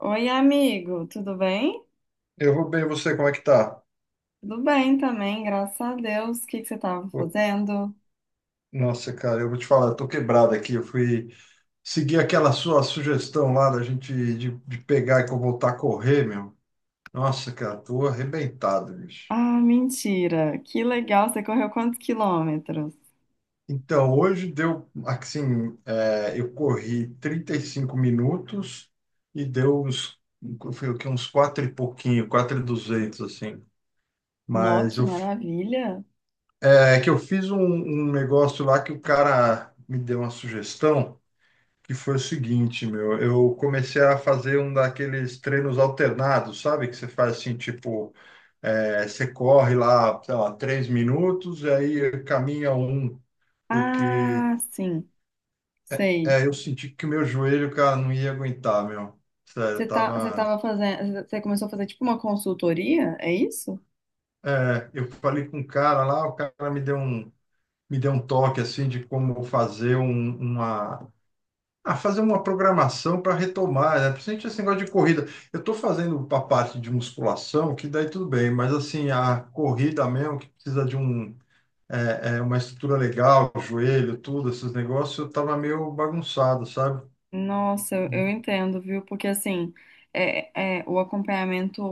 Oi, amigo, tudo bem? Eu vou bem, e você, como é que tá? Tudo bem também, graças a Deus. O que que você estava fazendo? Nossa, cara, eu vou te falar, eu tô quebrado aqui. Eu fui seguir aquela sua sugestão lá da gente de pegar e voltar a correr, meu. Nossa, cara, tô arrebentado, bicho. Ah, mentira! Que legal! Você correu quantos quilômetros? Então, hoje deu, assim, eu corri 35 minutos e deu uns, foi o quê? Uns quatro e pouquinho, quatro e duzentos, assim. Nó, Mas que eu, maravilha! é que eu fiz um negócio lá que o cara me deu uma sugestão. Que foi o seguinte, meu, eu comecei a fazer um daqueles treinos alternados, sabe? Que você faz assim, tipo, você corre lá, sei lá, 3 minutos, e aí caminha um, porque Ah, sim, sei. Eu senti que o meu joelho, cara, não ia aguentar, meu. Sério, eu Você tava. tava fazendo, você começou a fazer tipo uma consultoria, é isso? É, eu falei com um cara lá, o cara me deu um toque assim de como fazer um- uma Ah, fazer uma programação para retomar, né? Principalmente esse negócio de corrida. Eu estou fazendo a parte de musculação, que daí tudo bem, mas assim, a corrida mesmo, que precisa de uma estrutura legal, joelho, tudo, esses negócios, eu estava meio bagunçado, sabe? Nossa, eu entendo, viu? Porque assim, o acompanhamento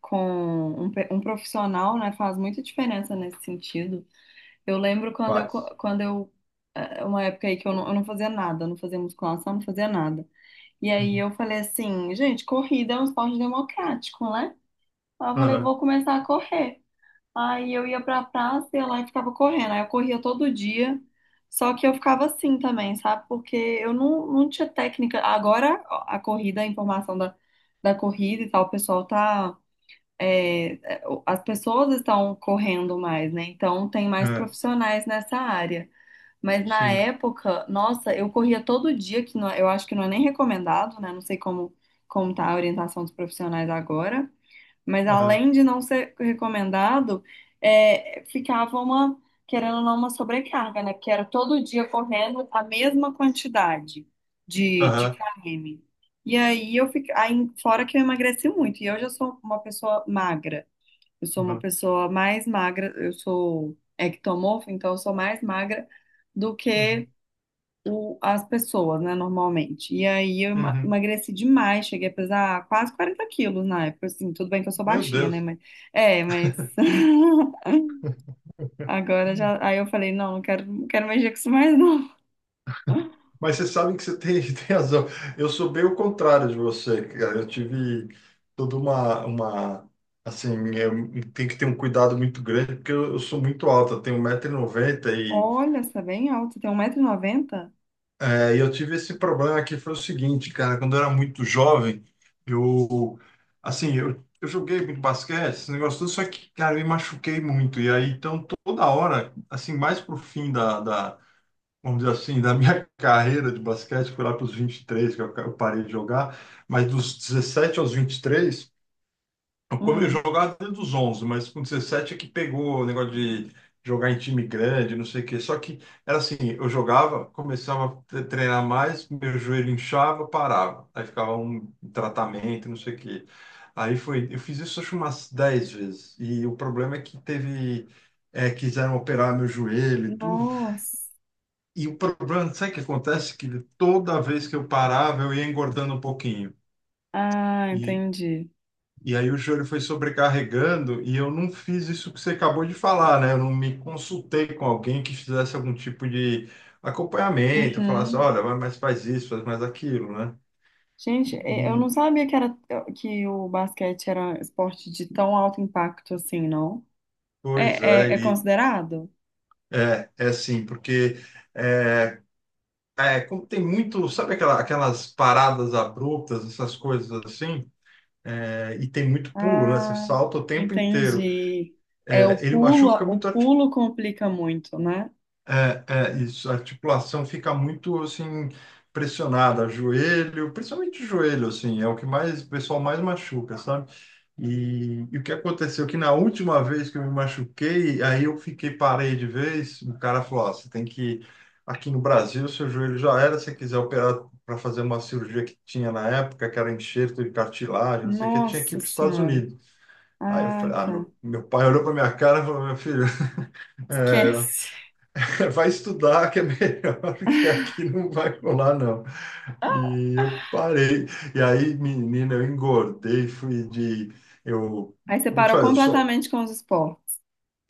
com um profissional, né, faz muita diferença nesse sentido. Eu lembro Faz. quando eu, uma época aí que eu não fazia nada, não fazia musculação, não fazia nada. E aí Uhum. eu falei assim, gente, corrida é um esporte democrático, né? Aí eu falei, Aham, vou começar a correr. Aí eu ia pra praça, ia lá e ficava correndo. Aí eu corria todo dia, só que eu ficava assim também, sabe? Porque eu não, não tinha técnica. Agora ó, a corrida, a informação da, da corrida e tal, o pessoal tá. As pessoas estão correndo mais, né? Então tem mais é, profissionais nessa área. Mas na sim. época, nossa, eu corria todo dia, que não- é, eu acho que não é nem recomendado, né? Não sei como, como tá a orientação dos profissionais agora. Mas Aham, além de não ser recomendado, ficava uma, querendo ou não, uma sobrecarga, né? Porque era todo dia correndo a mesma quantidade de aham, km. E aí eu fiquei, aí, fora que eu emagreci muito, e hoje eu sou uma pessoa magra. Eu sou uma aham, pessoa mais magra, eu sou ectomorfa, então eu sou mais magra do uhum, que as pessoas, né, normalmente. E aí eu uhum. emagreci demais, cheguei a pesar quase 40 quilos na época, assim, tudo bem que eu sou Meu baixinha, né, Deus. mas... É, mas... Agora já... Aí eu falei, não, não quero mexer com isso mais, não. Mas você sabe que você tem, tem razão. Eu sou bem o contrário de você, cara. Eu tive toda uma assim, tem que ter um cuidado muito grande, porque eu sou muito alto, eu tenho 1,90 m e, noventa e, Olha, você é bem alto, tem 1,90m? E eu tive esse problema que foi o seguinte, cara, quando eu era muito jovem, eu, assim, eu joguei muito basquete, esse negócio todo, só que, cara, eu me machuquei muito. E aí, então, toda hora, assim, mais pro fim da vamos dizer assim, da minha carreira de basquete, foi lá para os 23 que eu parei de jogar, mas dos 17 aos 23, eu Hum, jogava dentro dos 11, mas com 17 é que pegou o negócio de jogar em time grande, não sei o quê. Só que era assim, eu jogava, começava a treinar mais, meu joelho inchava, parava. Aí ficava um tratamento, não sei o quê. Aí foi, eu fiz isso acho umas 10 vezes. E o problema é que teve, quiseram operar meu joelho e tudo. nossa. E o problema, não sei o que acontece, que toda vez que eu parava, eu ia engordando um pouquinho. Ah, E, entendi. e aí o joelho foi sobrecarregando e eu não fiz isso que você acabou de falar, né? Eu não me consultei com alguém que fizesse algum tipo de acompanhamento, falasse, Uhum. olha, mas faz isso, faz mais aquilo, né? Gente, eu E, não sabia que era que o basquete era um esporte de tão alto impacto assim, não? pois é, É ele... considerado? É assim, porque... É, como tem muito, sabe aquela, aquelas paradas abruptas, essas coisas assim, é, e tem muito pulo, né? Você Ah, salta o tempo inteiro. entendi. É É, ele machuca o muito pulo complica muito, né? é, é, isso, a articulação fica muito assim pressionada, joelho, principalmente joelho, assim, é o que mais o pessoal mais machuca, sabe? E o que aconteceu que na última vez que eu me machuquei, aí eu fiquei parei de vez, o cara falou, ó, você tem que aqui no Brasil, seu joelho já era, se você quiser operar para fazer uma cirurgia que tinha na época, que era enxerto de cartilagem, não sei o que, tinha que ir Nossa para os Estados Senhora. Unidos. Aí eu Ah, falei, ah, tá. meu pai olhou para minha cara e falou, meu filho, Esquece. vai estudar que é melhor, que aqui não vai rolar, não. E eu parei. E aí, menina, eu engordei, fui de. Eu. Aí você Como eu te parou falei, eu sou. completamente com os esportes.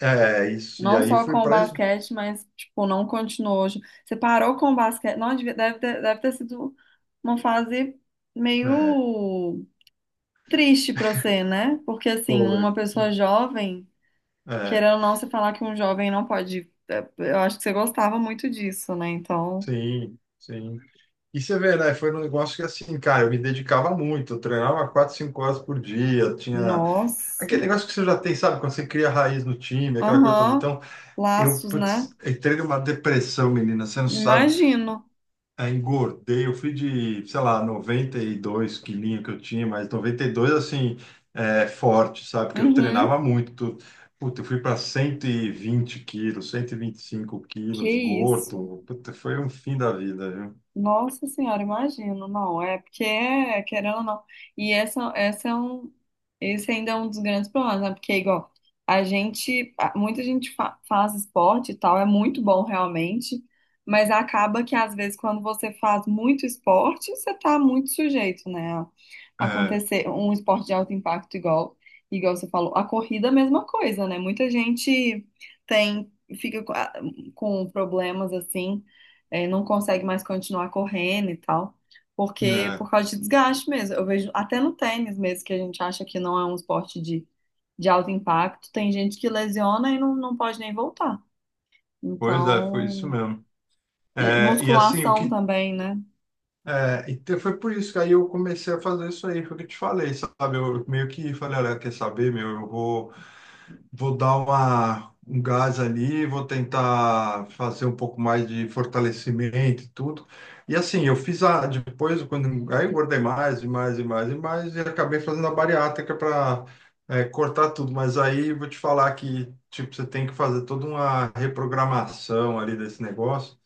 É, isso. E Não aí só com fui o para. basquete, mas, tipo, não continuou. Você parou com o basquete. Não, deve ter sido uma fase É, meio. Triste pra você, né? Porque assim, uma foi. pessoa jovem, É, querendo ou não, você falar que um jovem não pode. Eu acho que você gostava muito disso, né? Então, sim, sim. E você vê, né? Foi um negócio que, assim, cara, eu me dedicava muito. Eu treinava 4, 5 horas por dia. Tinha nossa. aquele negócio que você já tem, sabe? Quando você cria raiz no time, aquela coisa toda. Aham. Então, eu, Laços, né? putz, entrei numa depressão, menina. Você não sabe. Imagino. Aí engordei, eu fui de, sei lá, 92 quilinhos que eu tinha, mas 92 assim, forte, sabe? Porque eu Uhum. treinava muito. Puta, eu fui para 120 quilos, cento e vinte e cinco Que quilos, isso. gordo. Puta, foi um fim da vida, viu? Nossa senhora, imagino, não, é porque querendo ou não, e essa é um, esse ainda é um dos grandes problemas, né, porque igual, muita gente faz esporte e tal, é muito bom realmente, mas acaba que às vezes quando você faz muito esporte, você tá muito sujeito, né, a É, acontecer um esporte de alto impacto igual, igual você falou, a corrida é a mesma coisa, né, muita gente tem, fica com problemas assim, não consegue mais continuar correndo e tal, porque né? por causa de desgaste mesmo. Eu vejo até no tênis mesmo, que a gente acha que não é um esporte de alto impacto, tem gente que lesiona e não pode nem voltar. Pois é, foi isso Então, mesmo. e É, e assim, o musculação que. também, né? É, então foi por isso que aí eu comecei a fazer isso aí, foi o que eu te falei, sabe? Eu meio que falei, olha, quer saber, meu, eu vou. Vou dar um gás ali, vou tentar fazer um pouco mais de fortalecimento e tudo. E assim, eu fiz a, depois, quando, aí eu engordei mais e mais e mais e mais, e acabei fazendo a bariátrica para cortar tudo. Mas aí eu vou te falar que, tipo, você tem que fazer toda uma reprogramação ali desse negócio,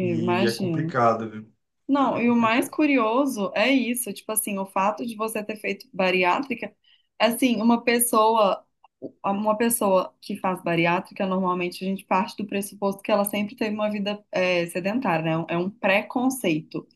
e é complicado, viu? Não, É e o mais complicado. curioso é isso, tipo assim, o fato de você ter feito bariátrica, assim, uma pessoa que faz bariátrica, normalmente a gente parte do pressuposto que ela sempre teve uma vida sedentária, né? É um preconceito.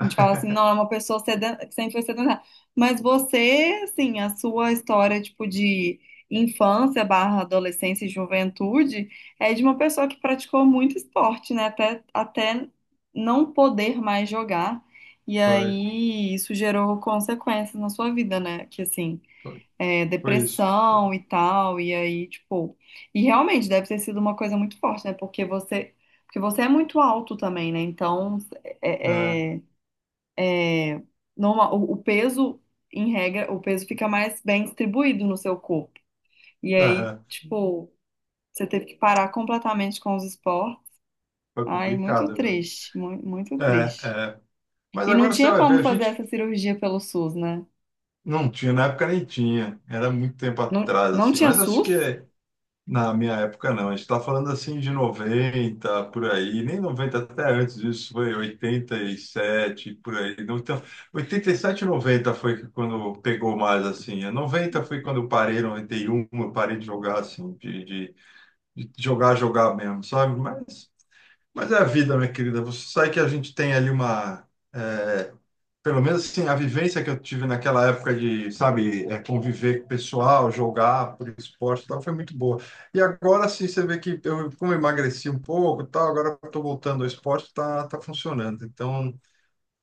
A gente fala assim, não, é uma pessoa que sempre foi sedentária. Mas você, assim, a sua história, tipo, de infância barra adolescência e juventude, é de uma pessoa que praticou muito esporte, né? Até, até não poder mais jogar. E Foi, aí isso gerou consequências na sua vida, né? Que assim, foi, é, foi isso. depressão e tal. E aí, tipo. E realmente deve ter sido uma coisa muito forte, né? Porque você. Porque você é muito alto também, né? Então, É, é, é, é, normal, o peso, em regra, o peso fica mais bem distribuído no seu corpo. E aí, é, tipo, você teve que parar completamente com os esportes. foi Ai, muito complicado, viu? triste, muito É, triste. é. Mas E não agora você tinha vai ver, como a fazer gente essa cirurgia pelo SUS, né? não tinha, na época nem tinha, era muito tempo Não, atrás, não assim, tinha mas acho que SUS? Na minha época não, a gente está falando assim de 90 por aí, nem 90 até antes disso, foi 87 por aí. Não, então, oitenta e sete e noventa foi quando pegou mais, assim, a 90 foi quando eu parei, 91 eu parei de jogar, assim, de jogar, jogar mesmo, sabe? Mas é a vida, minha querida, você sabe que a gente tem ali é, Pelo menos assim, a vivência que eu tive naquela época de, sabe, conviver com o pessoal, jogar por esporte e tal, foi muito boa. E agora sim, você vê que eu, como eu emagreci um pouco e tal, agora eu tô voltando ao esporte, tá funcionando. Então,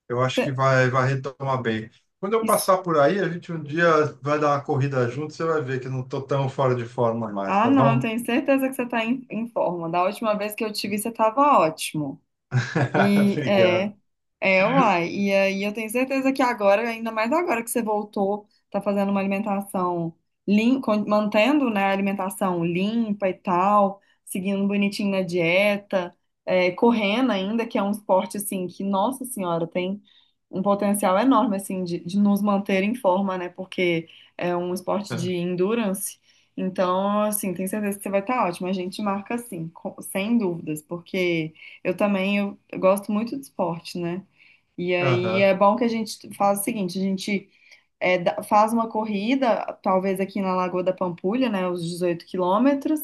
eu acho Cê- que vai retomar bem. Quando eu is- passar por aí, a gente um dia vai dar uma corrida junto, você vai ver que eu não tô tão fora de forma mais, Ah, tá não, eu bom? tenho certeza que você está em, em forma. Da última vez que eu te vi, você estava ótimo. E é. Obrigado. É, uai. E aí eu tenho certeza que agora, ainda mais agora que você voltou, tá fazendo uma alimentação limpa, mantendo, né, a alimentação limpa e tal, seguindo bonitinho na dieta, é, correndo ainda, que é um esporte, assim, que, nossa senhora, tem um potencial enorme, assim, de nos manter em forma, né, porque é um esporte de endurance. Então, assim, tenho certeza que você vai estar ótimo. A gente marca, assim, sem dúvidas, porque eu também eu gosto muito de esporte, né? E aí Aham, é bom que a gente faz o seguinte, a gente é, faz uma corrida, talvez aqui na Lagoa da Pampulha, né, os 18 quilômetros,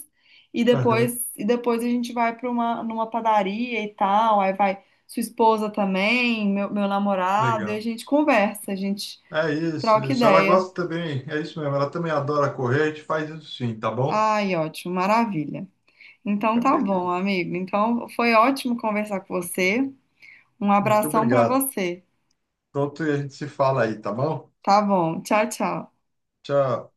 aham, e depois a gente vai para uma numa padaria e tal, aí vai sua esposa também, meu namorado, e a legal. gente conversa, a gente É isso, troca isso. Ela ideia. gosta também, é isso mesmo. Ela também adora correr, a gente faz isso sim, tá bom? Ai, ótimo, maravilha. Então Então, tá bom, beleza. amigo. Então foi ótimo conversar com você. Um Muito abração para obrigado. você. Pronto, e a gente se fala aí, tá bom? Tá bom. Tchau, tchau. Tchau.